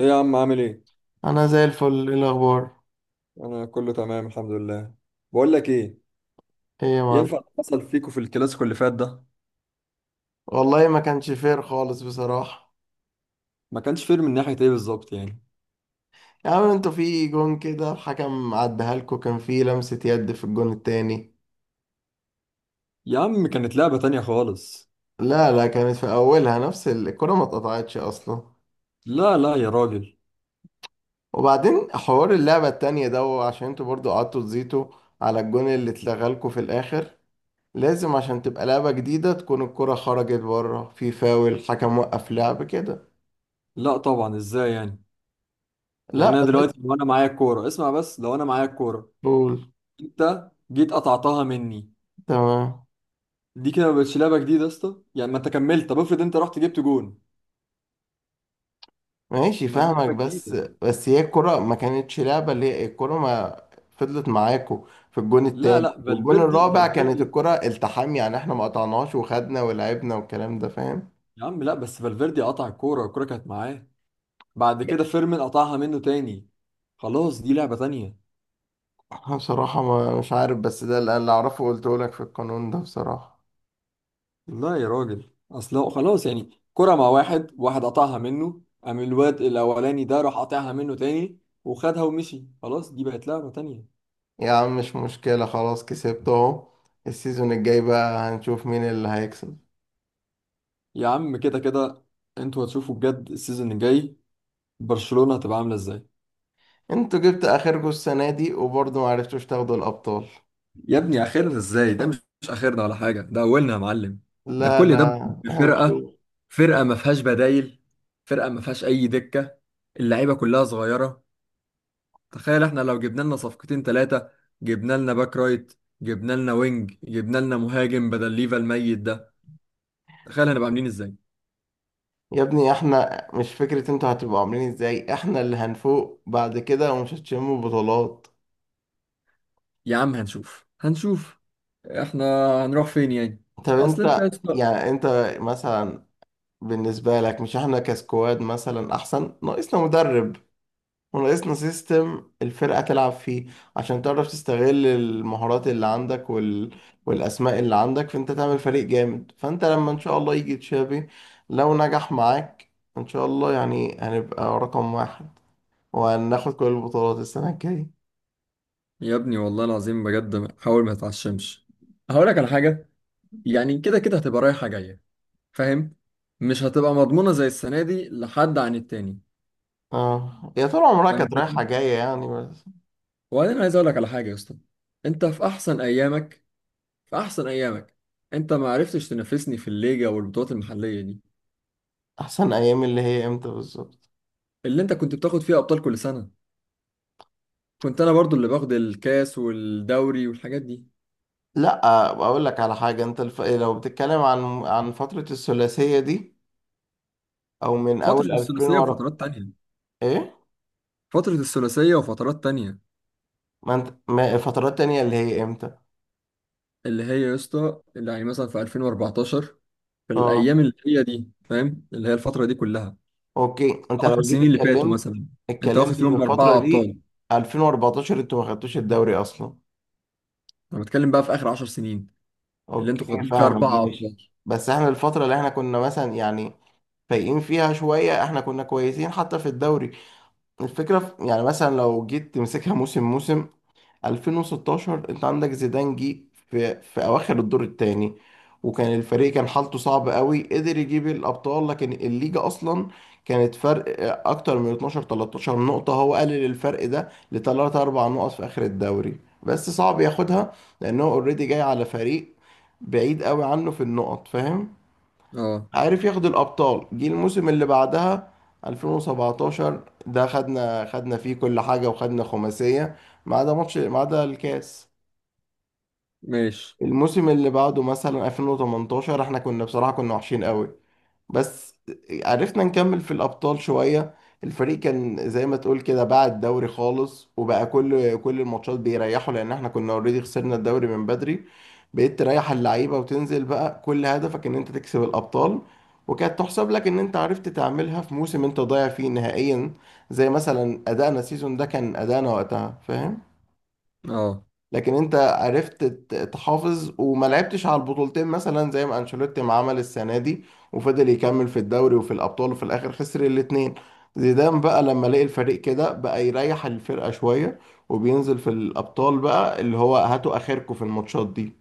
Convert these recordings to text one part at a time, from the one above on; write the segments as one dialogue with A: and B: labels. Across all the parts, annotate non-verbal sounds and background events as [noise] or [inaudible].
A: ايه يا عم عامل ايه؟
B: انا زي الفل. ايه الاخبار؟
A: انا كله تمام الحمد لله. بقول لك ايه،
B: ايه يا معلم؟
A: ينفع اللي حصل فيكو في الكلاسيكو اللي فات ده؟
B: والله ما كانش فير خالص بصراحه.
A: ما كانش فير من ناحية ايه بالظبط يعني؟
B: يا عم انتوا في جون كده الحكم عدها لكم، كان في لمسه يد في الجون التاني.
A: يا عم كانت لعبة تانية خالص.
B: لا لا، كانت في اولها نفس الكره، ما اتقطعتش اصلا.
A: لا يا راجل.
B: وبعدين حوار اللعبه التانية ده، عشان انتوا برضو قعدتوا تزيتوا على الجون اللي اتلغى لكم في الاخر. لازم عشان تبقى لعبه جديده تكون الكره خرجت بره في فاول، الحكم وقف لعب كده.
A: لا طبعا، ازاي يعني؟ يعني
B: لا
A: انا
B: ده.
A: دلوقتي لو انا معايا الكورة، اسمع بس لو انا معايا الكورة
B: قول.
A: انت جيت قطعتها مني،
B: تمام.
A: دي كده ما بقتش لعبة جديدة يا اسطى. يعني ما انت كملت، طب افرض انت رحت جبت جون،
B: ماشي
A: ما دي
B: فاهمك،
A: لعبة
B: بس
A: جديدة.
B: بس هي الكرة ما كانتش لعبة، اللي هي الكرة ما فضلت معاكو في الجون
A: لا
B: التاني.
A: لا
B: والجون
A: فالفيردي،
B: الرابع كانت
A: فالفيردي
B: الكرة التحام، يعني احنا ما قطعناش وخدنا ولعبنا والكلام ده، فاهم؟
A: يا عم لا بس فالفيردي قطع الكورة، الكورة كانت معاه، بعد كده فيرمين قطعها منه تاني، خلاص دي لعبة تانية.
B: أنا بصراحة ما مش عارف، بس ده اللي أعرفه قلته لك في القانون ده بصراحة.
A: لا يا راجل، اصل هو خلاص، يعني كرة مع واحد واحد، قطعها منه، قام الواد الاولاني ده راح قاطعها منه تاني وخدها ومشي، خلاص دي بقت لعبة تانية.
B: يا عم مش مشكلة، خلاص كسبت أهو. السيزون الجاي بقى هنشوف مين اللي هيكسب.
A: يا عم كده كده انتوا هتشوفوا بجد السيزون الجاي برشلونة هتبقى عاملة ازاي.
B: انتوا جبت آخركوا السنة دي وبرضه ما عرفتوش تاخدوا الأبطال.
A: يا ابني اخرنا ازاي؟ ده مش اخرنا ولا حاجة، ده اولنا يا معلم. ده
B: لا
A: كل ده
B: لا،
A: بفرقة،
B: هنشوف.
A: فرقة ما فيهاش بدايل، فرقة ما فيهاش اي دكة، اللعيبة كلها صغيرة. تخيل احنا لو جبنا لنا صفقتين ثلاثة، جبنا لنا باك رايت، جبنا لنا وينج، جبنا لنا مهاجم بدل ليفا الميت ده، تخيل هنبقى عاملين ازاي.
B: يا ابني احنا مش فكرة انتوا هتبقوا عاملين ازاي، احنا اللي هنفوق بعد كده ومش هتشموا بطولات.
A: يا عم هنشوف هنشوف، احنا هنروح فين يعني؟
B: طب
A: اصل انت يا
B: انت
A: اسطى-
B: يعني انت مثلا، بالنسبة لك مش احنا كسكواد مثلا احسن؟ ناقصنا مدرب وناقصنا سيستم الفرقة تلعب فيه، عشان تعرف تستغل المهارات اللي عندك وال... والاسماء اللي عندك، فانت تعمل فريق جامد. فانت لما ان شاء الله يجي تشافي، لو نجح معاك ان شاء الله يعني، هنبقى رقم واحد وهناخد كل البطولات السنة الجاية.
A: يا ابني والله العظيم بجد حاول ما تتعشمش. هقول لك على حاجة، يعني كده كده هتبقى رايحة جاية، فاهم؟ مش هتبقى مضمونة زي السنة دي لحد عن التاني.
B: اه يا طول عمرها
A: فاهم
B: كانت
A: الفكرة؟
B: رايحة جاية يعني بس.
A: وبعدين عايز اقول لك على حاجة يا اسطى، انت في احسن ايامك، في احسن ايامك انت ما عرفتش تنافسني في الليجا والبطولات المحليه دي،
B: أحسن أيام اللي هي إمتى بالظبط؟
A: اللي انت كنت بتاخد فيها ابطال كل سنه كنت انا برضو اللي باخد الكاس والدوري والحاجات دي.
B: لأ أقول لك على حاجة، إيه، لو بتتكلم عن فترة الثلاثية دي أو من
A: فتره
B: أول 2000
A: الثلاثيه
B: ورا.
A: وفترات تانية،
B: إيه؟
A: فتره الثلاثيه وفترات تانية،
B: ما أنت ما فترات تانية اللي هي إمتى؟
A: اللي هي يا اسطى اللي يعني مثلا في 2014، في الايام
B: اه
A: اللي هي دي، فاهم؟ اللي هي الفتره دي كلها،
B: أوكي، أنت لو
A: 10
B: جيت
A: سنين اللي فاتوا
B: اتكلمت
A: مثلا، انت واخد
B: اتكلمت إن
A: فيهم
B: الفترة
A: باربعه ابطال.
B: دي 2014، أنتوا ما خدتوش الدوري أصلا.
A: انا بتكلم بقى في اخر 10 سنين اللي انتوا
B: أوكي
A: واخدين فيها
B: فاهمك
A: اربعه
B: ماشي.
A: ابطال.
B: بس إحنا الفترة اللي إحنا كنا مثلا يعني فايقين فيها شوية، إحنا كنا كويسين حتى في الدوري. الفكرة في يعني مثلا، لو جيت تمسكها موسم، 2016 انت عندك زيدان جه في اواخر الدور الثاني، وكان الفريق كان حالته صعبة قوي، قدر يجيب الابطال. لكن الليجا اصلا كانت فرق اكتر من 12 13 نقطة، هو قلل الفرق ده لثلاث اربع نقط في اخر الدوري، بس صعب ياخدها لانه اوريدي جاي على فريق بعيد قوي عنه في النقط، فاهم؟
A: اه
B: عارف ياخد الابطال. جه الموسم اللي بعدها 2017 ده، خدنا فيه كل حاجه وخدنا خماسيه ما عدا ماتش، ما عدا الكاس.
A: ماشي.
B: الموسم اللي بعده مثلا 2018 احنا كنا بصراحه كنا وحشين قوي، بس عرفنا نكمل في الأبطال شوية. الفريق كان زي ما تقول كده باع الدوري خالص، وبقى كل الماتشات بيريحوا، لأن احنا كنا اوريدي خسرنا الدوري من بدري. بقيت تريح اللعيبة وتنزل بقى كل هدفك إن أنت تكسب الأبطال، وكانت تحسب لك إن أنت عرفت تعملها في موسم أنت ضايع فيه نهائيا، زي مثلا أدائنا السيزون ده، كان أدائنا وقتها، فاهم؟
A: اه
B: لكن انت عرفت تحافظ وما لعبتش على البطولتين، مثلا زي ما انشيلوتي ما عمل السنه دي، وفضل يكمل في الدوري وفي الابطال وفي الاخر خسر الاثنين. زيدان بقى لما لقي الفريق كده بقى يريح الفرقه شويه، وبينزل في الابطال بقى اللي هو هاتوا اخركم في الماتشات دي.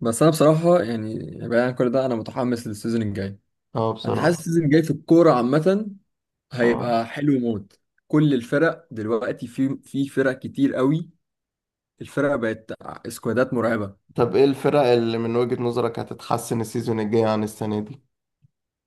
A: بس انا بصراحه يعني، بعيد عن كل ده انا متحمس للسيزون الجاي.
B: اه
A: انا حاسس
B: بصراحه.
A: السيزون الجاي في الكوره عامه
B: اه.
A: هيبقى حلو موت. كل الفرق دلوقتي، في فرق كتير قوي، الفرق بقت سكوادات مرعبه.
B: طب ايه الفرق اللي من وجهة نظرك هتتحسن السيزون الجاي عن السنه دي؟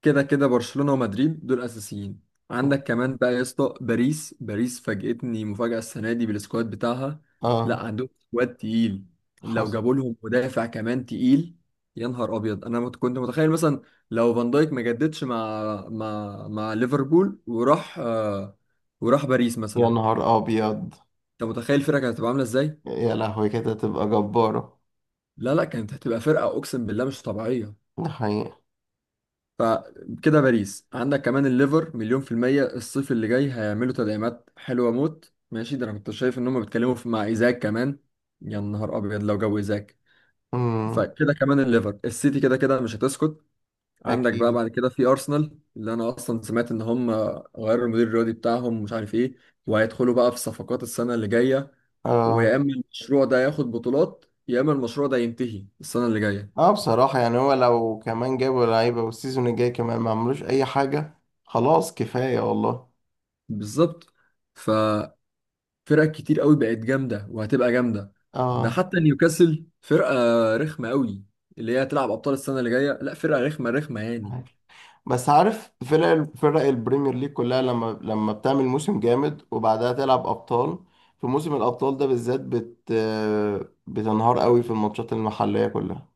A: كده كده برشلونة ومدريد دول اساسيين. عندك كمان بقى يا اسطى باريس، باريس فاجئتني مفاجأة السنة دي بالسكواد بتاعها. لا
B: اه.
A: عندهم سكواد تقيل، لو
B: حصل.
A: جابوا لهم مدافع كمان تقيل، يا نهار ابيض. كنت متخيل مثلا لو فان دايك ما جددش مع مع ليفربول وراح آه، وراح باريس
B: يا
A: مثلا،
B: نهار ابيض.
A: انت متخيل الفرقة كانت هتبقى عاملة ازاي؟
B: يا لهوي كده تبقى جبارة.
A: لا كانت هتبقى فرقة اقسم بالله مش طبيعية.
B: ده حقيقة.
A: فكده باريس، عندك كمان الليفر مليون في المية الصيف اللي جاي هيعملوا تدعيمات حلوة موت. ماشي، ده انا كنت شايف ان هم بيتكلموا في مع ايزاك كمان، يا نهار ابيض لو جو ايزاك.
B: مم.
A: فكده كمان الليفر، السيتي كده كده مش هتسكت. عندك بقى
B: اكيد.
A: بعد كده في ارسنال، اللي انا اصلا سمعت ان هم غيروا المدير الرياضي بتاعهم مش عارف ايه، وهيدخلوا بقى في صفقات السنة اللي جاية، ويا
B: اه.
A: اما المشروع ده ياخد بطولات يا اما المشروع ده ينتهي السنة اللي جاية.
B: اه بصراحة يعني هو لو كمان جابوا لعيبة والسيزون الجاي كمان ما عملوش اي حاجة، خلاص كفاية والله.
A: بالظبط. ف فرق كتير قوي بقت جامده وهتبقى جامده. ده
B: اه.
A: حتى نيوكاسل فرقه رخمه قوي، اللي هي هتلعب ابطال السنه اللي جايه، لا فرقه رخمه يعني.
B: عارف. بس عارف فرق، فرق البريمير ليج كلها لما بتعمل موسم جامد وبعدها تلعب ابطال، في موسم الابطال ده بالذات بتنهار قوي في الماتشات المحلية كلها.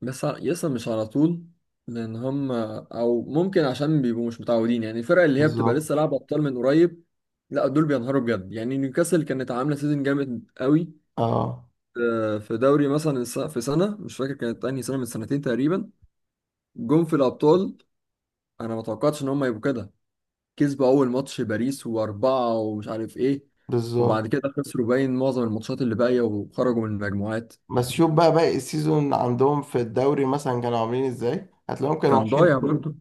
A: يسطا مش على طول، لان هم او ممكن عشان بيبقوا مش متعودين يعني، الفرق اللي هي بتبقى
B: بالظبط.
A: لسه لعبه ابطال من قريب لا دول بينهاروا بجد. يعني نيوكاسل كانت عامله سيزون جامد قوي،
B: اه.
A: آه، في دوري مثلا في سنه مش فاكر كانت انهي سنه، من سنتين تقريبا، جم في الابطال، انا ما توقعتش ان هم يبقوا كده. كسبوا اول ماتش باريس واربعة ومش عارف ايه، وبعد
B: بالظبط.
A: كده خسروا باين معظم الماتشات اللي باقية وخرجوا من المجموعات.
B: بس شوف بقى باقي السيزون عندهم في الدوري مثلا كانوا عاملين ازاي، هتلاقيهم كانوا
A: كان
B: وحشين.
A: ضايع برضه.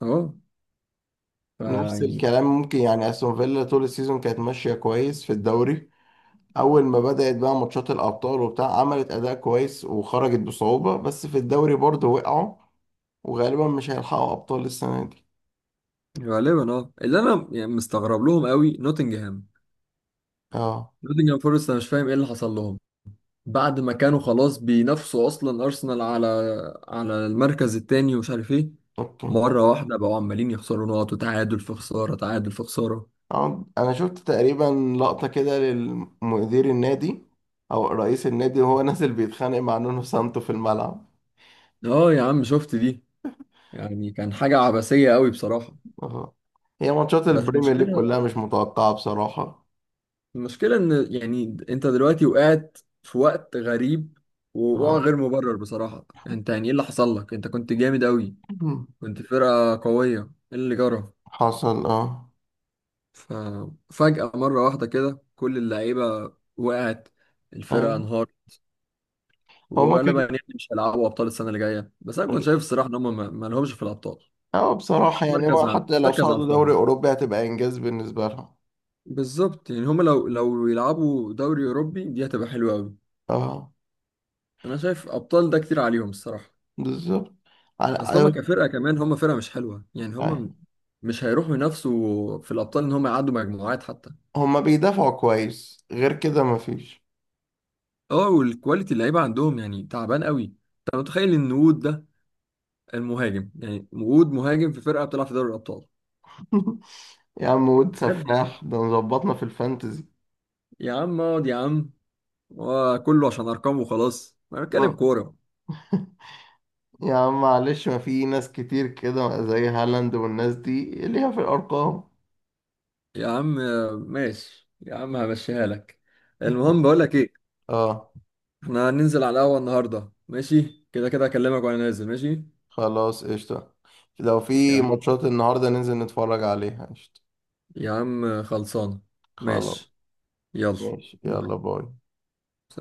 A: اه. فا
B: نفس
A: يعني
B: الكلام ممكن يعني، استون فيلا طول السيزون كانت ماشيه كويس في الدوري، اول ما بدات بقى ماتشات الابطال وبتاع عملت اداء كويس وخرجت بصعوبه، بس في الدوري برضه وقعوا، وغالبا مش هيلحقوا ابطال السنه دي.
A: غالبا اه. اللي انا يعني مستغرب لهم قوي نوتنجهام،
B: اه.
A: نوتنجهام فورست انا مش فاهم ايه اللي حصل لهم، بعد ما كانوا خلاص بينافسوا اصلا ارسنال على المركز التاني ومش عارف ايه،
B: اوكي.
A: مرة واحدة بقوا عمالين يخسروا نقط، وتعادل في خسارة تعادل في خسارة.
B: آه، انا شفت تقريبا لقطه كده للمدير النادي او رئيس النادي، وهو [laughs] نازل بيتخانق مع نونو سانتو في الملعب.
A: اه يا عم شفت دي، يعني كان حاجة عبثية قوي بصراحة.
B: اه. هي ماتشات
A: بس
B: البريمير ليج
A: المشكلة
B: كلها مش متوقعه بصراحه.
A: المشكلة إن يعني أنت دلوقتي وقعت في وقت غريب، ووقوع
B: اه.
A: غير مبرر بصراحة. أنت يعني إيه اللي حصل لك؟ أنت كنت جامد أوي،
B: [laughs]
A: كنت فرقة قوية، إيه اللي جرى؟
B: حصل. اه.
A: ففجأة مرة واحدة كده كل اللعيبة وقعت، الفرقة
B: أيوة.
A: انهارت،
B: هما كانوا.
A: وغالبا يعني مش هيلعبوا أبطال السنة اللي جاية. بس أنا كنت شايف الصراحة إن هم ما لهمش في الأبطال.
B: اه بصراحة يعني هو
A: مركز على
B: حتى لو صعدوا دوري
A: الفاضي،
B: أوروبي هتبقى إنجاز بالنسبة لهم.
A: بالظبط. يعني هم لو يلعبوا دوري أوروبي دي هتبقى حلوة أوي.
B: اه.
A: أنا شايف أبطال ده كتير عليهم الصراحة.
B: بالظبط. على
A: اصل هم
B: أيوة،
A: كفرقه كمان، هم فرقه مش حلوه يعني،
B: يعني
A: هم مش هيروحوا ينافسوا في الابطال ان هم يعدوا مجموعات حتى.
B: هما بيدافعوا كويس، غير كده مفيش.
A: اه والكواليتي اللعيبه عندهم يعني تعبان قوي. انت متخيل ان وود ده المهاجم، يعني وود مهاجم في فرقه بتلعب في دوري الابطال،
B: [laughs] يا عم واد
A: بجد يعني.
B: سفاح ده مظبطنا في الفانتزي.
A: يا عم اقعد يا عم، وكله عشان ارقام وخلاص، انا بتكلم
B: ما-
A: كوره.
B: [laughs] يا عم معلش، ما في ناس كتير كده زي هالاند والناس دي ليها في الأرقام.
A: يا عم آه، ماشي يا عم همشيها لك. المهم بقول لك ايه،
B: اه.
A: احنا هننزل على القهوه النهارده، ماشي كده كده اكلمك وانا نازل. ماشي
B: خلاص قشطة. لو
A: يا
B: في
A: عم،
B: ماتشات النهاردة ننزل نتفرج عليها قشطة.
A: يا عم خلصانة.
B: خلاص.
A: ماشي، يلا،
B: ماشي يلا
A: باي.
B: باي.